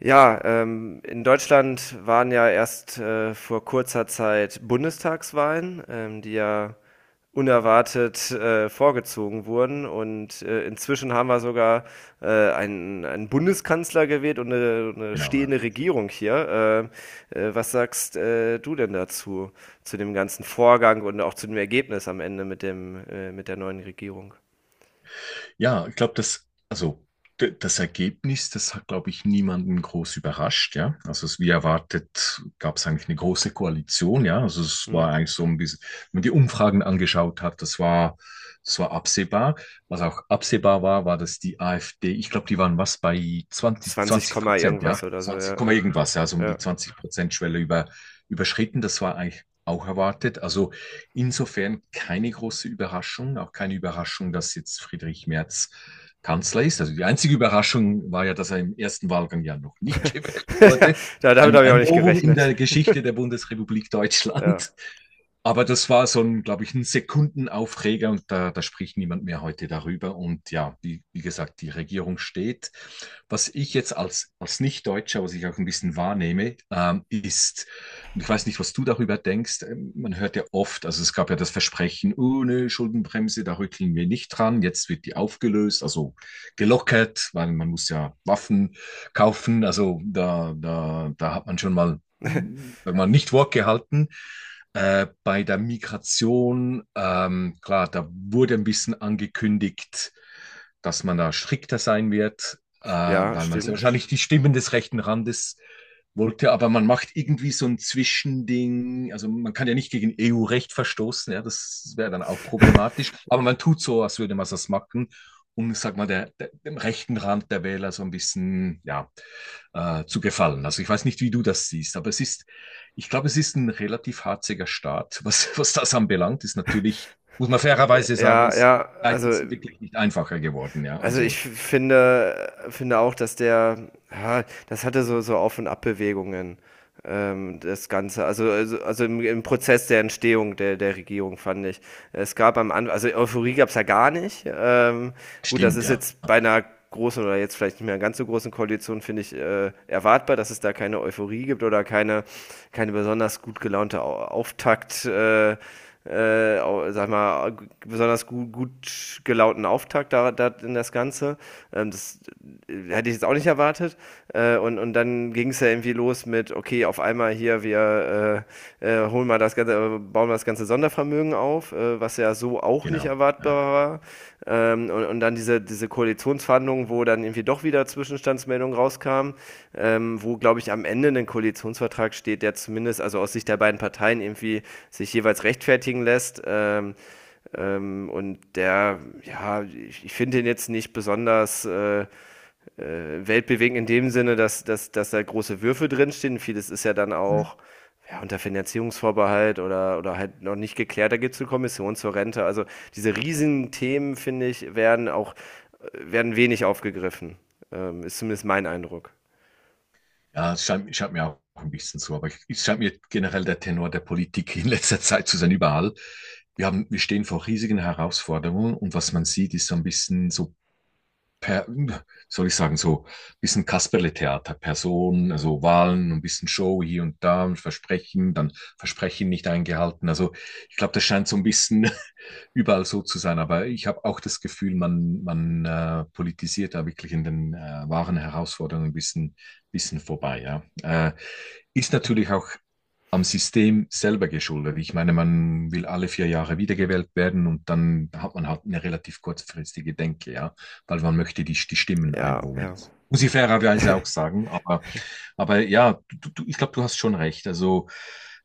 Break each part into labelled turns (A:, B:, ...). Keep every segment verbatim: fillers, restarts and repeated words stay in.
A: Ja, ähm, in Deutschland waren ja erst äh, vor kurzer Zeit Bundestagswahlen, ähm, die ja unerwartet äh, vorgezogen wurden. Und äh, inzwischen haben wir sogar äh, einen, einen Bundeskanzler gewählt und eine, eine
B: Genau, ja.
A: stehende Regierung hier. Äh, äh, was sagst äh, du denn dazu, zu dem ganzen Vorgang und auch zu dem Ergebnis am Ende mit dem, äh, mit der neuen Regierung?
B: Ja, ich glaube, das, also d- das Ergebnis, das hat, glaube ich, niemanden groß überrascht, ja. Also es, wie erwartet, gab es eigentlich eine große Koalition, ja. Also es
A: Hm?
B: war eigentlich so ein bisschen, wenn man die Umfragen angeschaut hat, das war, das war absehbar. Was auch absehbar war, war, dass die AfD, ich glaube, die waren was bei zwanzig
A: zwanzig,
B: 20
A: Komma
B: Prozent, ja.
A: irgendwas oder so,
B: zwanzig,
A: ja.
B: Komma
A: Ja.
B: irgendwas, ja. Also um die
A: Ja.
B: zwanzig Prozent Schwelle über, überschritten. Das war eigentlich auch erwartet. Also insofern keine große Überraschung, auch keine Überraschung, dass jetzt Friedrich Merz Kanzler ist. Also die einzige Überraschung war ja, dass er im ersten Wahlgang ja noch nicht gewählt wurde.
A: Ja, damit
B: Ein,
A: habe ich auch
B: ein
A: nicht
B: Novum in
A: gerechnet.
B: der Geschichte der Bundesrepublik
A: Ja,
B: Deutschland. Aber das war so ein, glaube ich, ein Sekundenaufreger und da, da spricht niemand mehr heute darüber. Und ja, wie, wie gesagt, die Regierung steht. Was ich jetzt als, als Nicht-Deutscher, was ich auch ein bisschen wahrnehme, ähm, ist, und ich weiß nicht, was du darüber denkst. Ähm, Man hört ja oft, also es gab ja das Versprechen, ohne Schuldenbremse, da rütteln wir nicht dran. Jetzt wird die aufgelöst, also gelockert, weil man muss ja Waffen kaufen. Also da, da, da hat man schon mal, mm, sag mal, nicht Wort gehalten. Äh, bei der Migration, ähm, klar, da wurde ein bisschen angekündigt, dass man da strikter sein wird, äh,
A: ja,
B: weil man sehr
A: stimmt.
B: wahrscheinlich die Stimmen des rechten Randes wollte, aber man macht irgendwie so ein Zwischending. Also man kann ja nicht gegen E U-Recht verstoßen, ja, das wäre dann auch problematisch. Aber man tut so, als würde man das machen, um, sag mal, der, der, dem rechten Rand der Wähler so ein bisschen ja, äh, zu gefallen. Also ich weiß nicht, wie du das siehst, aber es ist, ich glaube, es ist ein relativ harziger Staat, was, was das anbelangt. Ist natürlich, muss man fairerweise sagen,
A: Ja,
B: ist
A: ja,
B: Zeiten
A: also
B: sind wirklich nicht einfacher geworden, ja.
A: Also ich
B: Also
A: finde, finde auch, dass der, Ja, das hatte so, so Auf- und Abbewegungen, ähm, das Ganze. Also, also, also im, im Prozess der Entstehung der, der Regierung, fand ich. Es gab am Anfang, also Euphorie gab es ja gar nicht. Ähm, gut, das
B: stimmt,
A: ist
B: ja,
A: jetzt bei einer großen oder jetzt vielleicht nicht mehr ganz so großen Koalition, finde ich, äh, erwartbar, dass es da keine Euphorie gibt oder keine, keine besonders gut gelaunte Au- Auftakt. Äh, äh, sag mal, besonders gut, gut gelaunten Auftakt da, da in das Ganze. Ähm, das äh, hätte ich jetzt auch nicht erwartet. Äh, und, und dann ging es ja irgendwie los mit, okay, auf einmal hier, wir äh, äh, holen mal das ganze, äh, bauen wir das ganze Sondervermögen auf auf, äh, was ja so auch nicht
B: genau. Ja.
A: erwartbar war. Ähm, und, und dann diese, diese Koalitionsverhandlungen, wo dann irgendwie doch wieder Zwischenstandsmeldungen rauskamen, ähm, wo, glaube ich, am Ende ein Koalitionsvertrag steht, der zumindest, also aus Sicht der beiden Parteien, irgendwie sich jeweils rechtfertigen lässt. Ähm, ähm, und der, ja, ich, ich finde ihn jetzt nicht besonders äh, äh, weltbewegend in dem Sinne, dass, dass, dass da große Würfe drinstehen. Vieles ist ja dann
B: Hm.
A: auch ja, unter Finanzierungsvorbehalt oder, oder halt noch nicht geklärt. Da gibt es eine Kommission zur Rente. Also diese riesigen Themen, finde ich, werden auch werden wenig aufgegriffen. Ähm, ist zumindest mein Eindruck.
B: Ja, es scheint, scheint mir auch ein bisschen so, aber ich- es scheint mir generell der Tenor der Politik in letzter Zeit zu sein, überall. Wir haben, wir stehen vor riesigen Herausforderungen und was man sieht, ist so ein bisschen so, per, soll ich sagen, so ein bisschen Kasperle-Theater, Personen, also Wahlen, ein bisschen Show hier und da und Versprechen, dann Versprechen nicht eingehalten. Also ich glaube, das scheint so ein bisschen überall so zu sein. Aber ich habe auch das Gefühl, man, man äh, politisiert da wirklich in den äh, wahren Herausforderungen ein bisschen, bisschen vorbei. Ja. Äh, ist natürlich auch am System selber geschuldet. Ich meine, man will alle vier Jahre wiedergewählt werden und dann hat man halt eine relativ kurzfristige Denke, ja, weil man möchte die, die Stimmen
A: Ja,
B: einholen.
A: ja.
B: Muss ich fairerweise auch sagen, aber aber ja, du, du, ich glaube, du hast schon recht. Also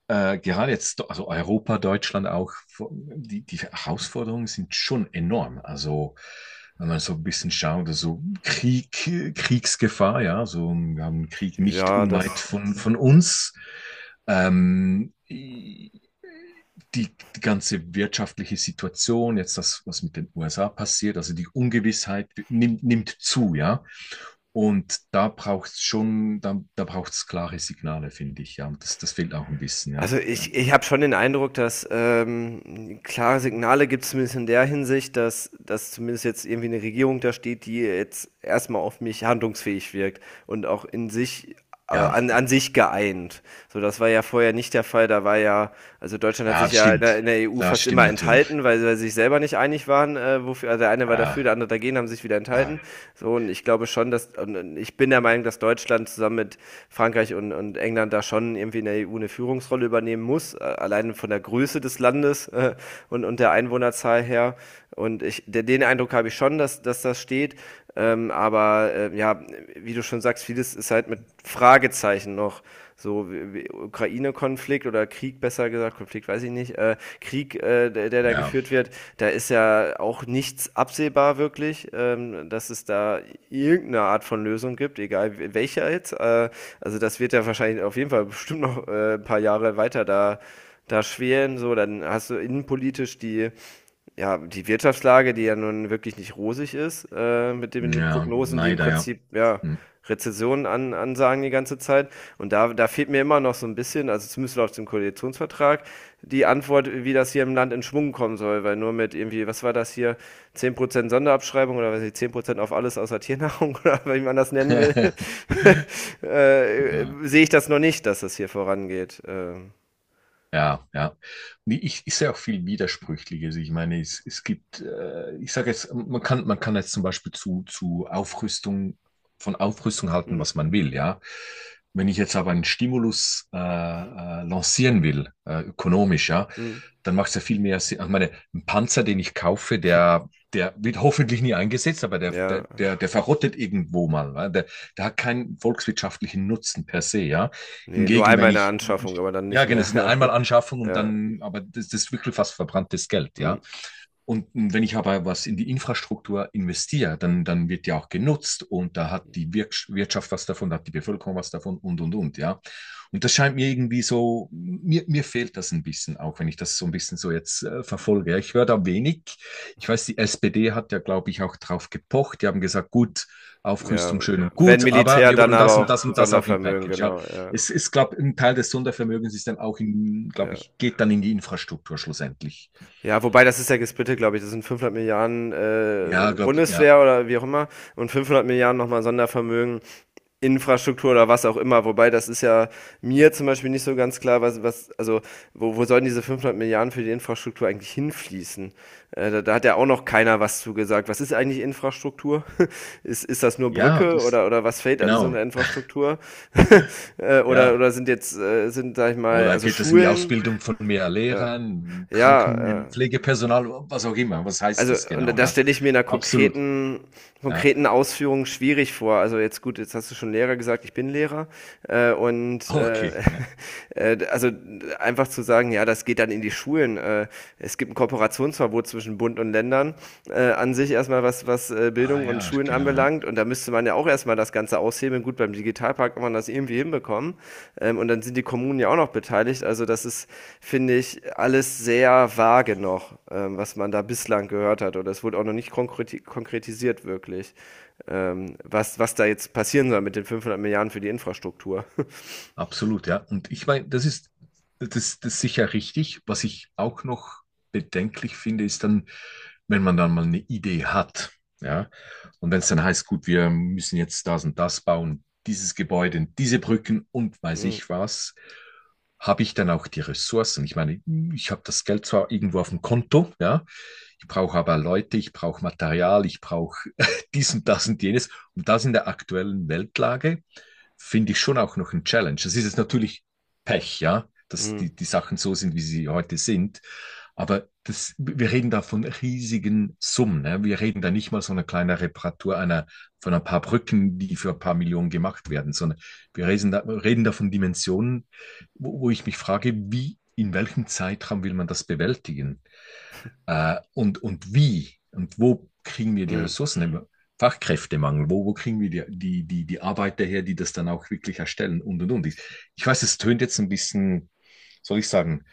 B: äh, gerade jetzt, also Europa, Deutschland auch, die, die Herausforderungen sind schon enorm. Also wenn man so ein bisschen schaut, also Krieg, Kriegsgefahr, ja, so wir haben einen Krieg nicht
A: ja,
B: unweit
A: das
B: von, von uns. Ähm, die, die ganze wirtschaftliche Situation, jetzt das, was mit den U S A passiert, also die Ungewissheit nimmt, nimmt zu, ja. Und da braucht es schon, da, da braucht es klare Signale, finde ich, ja. Und das, das fehlt auch ein bisschen, ja.
A: Also
B: Ja,
A: ich, ich habe schon den Eindruck, dass ähm, klare Signale gibt es zumindest in der Hinsicht, dass, dass zumindest jetzt irgendwie eine Regierung da steht, die jetzt erstmal auf mich handlungsfähig wirkt und auch in sich, äh,
B: ja,
A: an, an sich geeint. So, das war ja vorher nicht der Fall. Da war ja, also Deutschland hat
B: ja,
A: sich
B: das
A: ja in der,
B: stimmt.
A: in der E U
B: Das
A: fast
B: stimmt
A: immer
B: natürlich.
A: enthalten, weil sie sich selber nicht einig waren, äh, wofür, also der eine war war dafür,
B: Ja,
A: der andere dagegen, haben sich wieder enthalten.
B: ja,
A: So, und ich glaube schon, dass, und ich bin der Meinung, dass Deutschland zusammen mit Frankreich und, und England da schon irgendwie in der E U eine Führungsrolle übernehmen muss, äh, allein von der Größe des Landes äh, und, und der Einwohnerzahl her. Und ich, den Eindruck habe ich schon, dass, dass das steht. Ähm, aber äh, ja, wie du schon sagst, vieles ist halt mit Fragezeichen noch so Ukraine-Konflikt oder Krieg, besser gesagt, Konflikt weiß ich nicht, äh, Krieg, äh, der, der da
B: ja,
A: geführt wird, da ist ja auch nichts absehbar wirklich, ähm, dass es da irgendeine Art von Lösung gibt, egal welcher jetzt. Äh, also das wird ja wahrscheinlich auf jeden Fall bestimmt noch äh, ein paar Jahre weiter da da schweren, so, dann hast du innenpolitisch die ja, die Wirtschaftslage, die ja nun wirklich nicht rosig ist, äh, mit dem, mit den
B: ja,
A: Prognosen, die im
B: leider, ja.
A: Prinzip, ja,
B: Hm.
A: Rezessionen an, ansagen die ganze Zeit. Und da, da fehlt mir immer noch so ein bisschen, also zumindest laut dem Koalitionsvertrag, die Antwort, wie das hier im Land in Schwung kommen soll, weil nur mit irgendwie, was war das hier, zehn Prozent Sonderabschreibung oder was weiß ich, zehn Prozent auf alles außer Tiernahrung oder wie man das nennen will, äh,
B: Genau.
A: sehe ich das noch nicht, dass das hier vorangeht. Ähm,
B: Ja, ja. Nee, Ich, ich sehe auch viel Widersprüchliches. Ich meine, es, es gibt, äh, ich sage jetzt, man kann, man kann jetzt zum Beispiel zu, zu Aufrüstung, von Aufrüstung halten,
A: hm,
B: was man will, ja. Wenn ich jetzt aber einen Stimulus äh, äh, lancieren will, äh, ökonomisch, ja,
A: hm,
B: dann macht es ja viel mehr Sinn. Ich meine, ein Panzer, den ich kaufe, der, der wird hoffentlich nie eingesetzt, aber der,
A: ja.
B: der, der, der verrottet irgendwo mal. weil Der, der hat keinen volkswirtschaftlichen Nutzen per se, ja.
A: Nee, nur
B: Hingegen,
A: einmal
B: wenn
A: in der
B: ich ein
A: Anschaffung, aber dann
B: ja,
A: nicht
B: genau,
A: mehr.
B: es ist eine Einmalanschaffung und
A: Ja, ja,
B: dann, aber das, das ist wirklich fast verbranntes Geld,
A: mhm.
B: ja. Und wenn ich aber was in die Infrastruktur investiere, dann, dann wird ja auch genutzt und da hat die Wir Wirtschaft was davon, da hat die Bevölkerung was davon und, und, und, ja. Und das scheint mir irgendwie so, mir, mir fehlt das ein bisschen, auch wenn ich das so ein bisschen so jetzt äh, verfolge. Ja, ich höre da wenig. Ich weiß, die S P D hat ja, glaube ich, auch drauf gepocht. Die haben gesagt, gut,
A: Ja,
B: Aufrüstung schön und
A: wenn
B: gut, aber
A: Militär,
B: wir
A: dann
B: wollen
A: aber
B: das und
A: auch
B: das und das auch im
A: Sondervermögen,
B: Package. Ja,
A: genau, ja,
B: es ist, glaube ich, ein Teil des Sondervermögens ist dann auch in, glaube
A: ja.
B: ich, geht dann in die Infrastruktur schlussendlich.
A: Ja, wobei das ist ja gesplittet, glaube ich. Das sind fünfhundert Milliarden, äh,
B: Ja, glaube ja.
A: Bundeswehr oder wie auch immer und fünfhundert Milliarden nochmal Sondervermögen. Infrastruktur oder was auch immer. Wobei, das ist ja mir zum Beispiel nicht so ganz klar, was, was also wo, wo sollen diese fünfhundert Milliarden für die Infrastruktur eigentlich hinfließen? Äh, da, da hat ja auch noch keiner was zugesagt. Was ist eigentlich Infrastruktur? ist, ist das nur
B: Ja,
A: Brücke
B: das,
A: oder, oder was fällt alles
B: genau,
A: unter Infrastruktur? äh, oder,
B: ja.
A: oder sind jetzt, äh, sind, sag ich mal,
B: Oder
A: also
B: geht das in die
A: Schulen?
B: Ausbildung von mehr
A: Ja,
B: Lehrern,
A: ja äh,
B: Krankenpflegepersonal, was auch immer? Was heißt
A: also,
B: das
A: und
B: genau?
A: das
B: Ja,
A: stelle ich mir in einer
B: absolut.
A: konkreten,
B: Ja,
A: konkreten Ausführung schwierig vor. Also jetzt gut, jetzt hast du schon Lehrer gesagt, ich bin Lehrer. Äh, und äh,
B: okay. Ja.
A: äh, also einfach zu sagen, ja, das geht dann in die Schulen. Äh, es gibt ein Kooperationsverbot zwischen Bund und Ländern äh, an sich erstmal, was, was äh,
B: Ah
A: Bildung und
B: ja,
A: Schulen
B: genau, ja.
A: anbelangt. Und da müsste man ja auch erstmal das Ganze aushebeln. Gut, beim Digitalpakt kann man das irgendwie hinbekommen. Ähm, und dann sind die Kommunen ja auch noch beteiligt. Also das ist, finde ich, alles sehr vage noch, ähm, was man da bislang gehört hat. Oder es wurde auch noch nicht konkreti konkretisiert wirklich, ähm, was, was da jetzt passieren soll mit den fünfhundert Milliarden für die Infrastruktur.
B: Absolut, ja. Und ich meine, das ist, das, das ist sicher richtig. Was ich auch noch bedenklich finde, ist dann, wenn man dann mal eine Idee hat, ja. Und wenn es dann heißt, gut, wir müssen jetzt das und das bauen, dieses Gebäude, diese Brücken und weiß
A: Hm,
B: ich was. Habe ich dann auch die Ressourcen? Ich meine, ich habe das Geld zwar irgendwo auf dem Konto, ja, ich brauche aber Leute, ich brauche Material, ich brauche dies und das und jenes. Und das in der aktuellen Weltlage finde ich schon auch noch ein Challenge. Das ist jetzt natürlich Pech, ja, dass
A: hm,
B: die, die Sachen so sind, wie sie heute sind. Aber das, wir reden da von riesigen Summen. Ne? Wir reden da nicht mal so eine kleine Reparatur einer, von ein paar Brücken, die für ein paar Millionen gemacht werden, sondern wir reden da, reden da von Dimensionen, wo, wo ich mich frage, wie, in welchem Zeitraum will man das bewältigen? Äh, und, und wie und wo kriegen wir die
A: hm.
B: Ressourcen im Fachkräftemangel? Wo, wo kriegen wir die, die, die, die Arbeiter her, die das dann auch wirklich erstellen und und und. Ich, ich weiß, es tönt jetzt ein bisschen, soll ich sagen,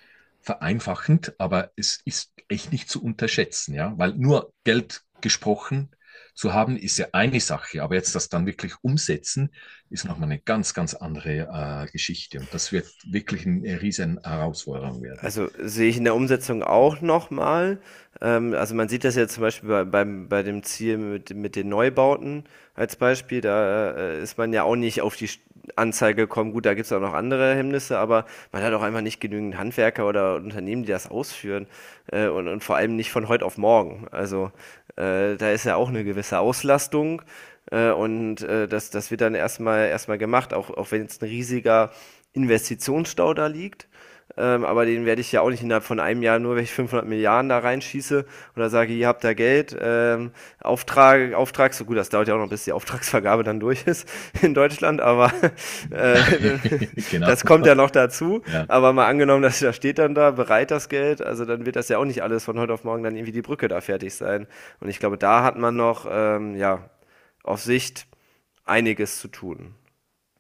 B: vereinfachend, aber es ist echt nicht zu unterschätzen, ja, weil nur Geld gesprochen zu haben ist ja eine Sache, aber jetzt das dann wirklich umsetzen ist nochmal eine ganz, ganz andere äh, Geschichte und das wird wirklich eine riesen Herausforderung werden.
A: Also, sehe ich in der Umsetzung auch nochmal. Ähm, also, man sieht das ja zum Beispiel bei beim bei dem Ziel mit mit den Neubauten als Beispiel. Da, äh, ist man ja auch nicht auf die St Anzeige gekommen. Gut, da gibt es auch noch andere Hemmnisse, aber man hat auch einfach nicht genügend Handwerker oder Unternehmen, die das ausführen, äh, und und vor allem nicht von heute auf morgen. Also, äh, da ist ja auch eine gewisse Auslastung, äh, und, äh, das das wird dann erstmal erstmal gemacht, auch auch wenn jetzt ein riesiger Investitionsstau da liegt. Ähm, aber den werde ich ja auch nicht innerhalb von einem Jahr, nur wenn ich fünfhundert Milliarden da reinschieße oder sage, ihr habt da Geld, ähm, Auftrag, Auftrag, so gut, das dauert ja auch noch, bis die Auftragsvergabe dann durch ist in Deutschland, aber äh,
B: Genau,
A: das kommt ja noch dazu.
B: ja.
A: Aber mal angenommen, dass da steht dann da, bereit das Geld, also dann wird das ja auch nicht alles von heute auf morgen dann irgendwie die Brücke da fertig sein. Und ich glaube, da hat man noch, ähm, ja, auf Sicht einiges zu tun.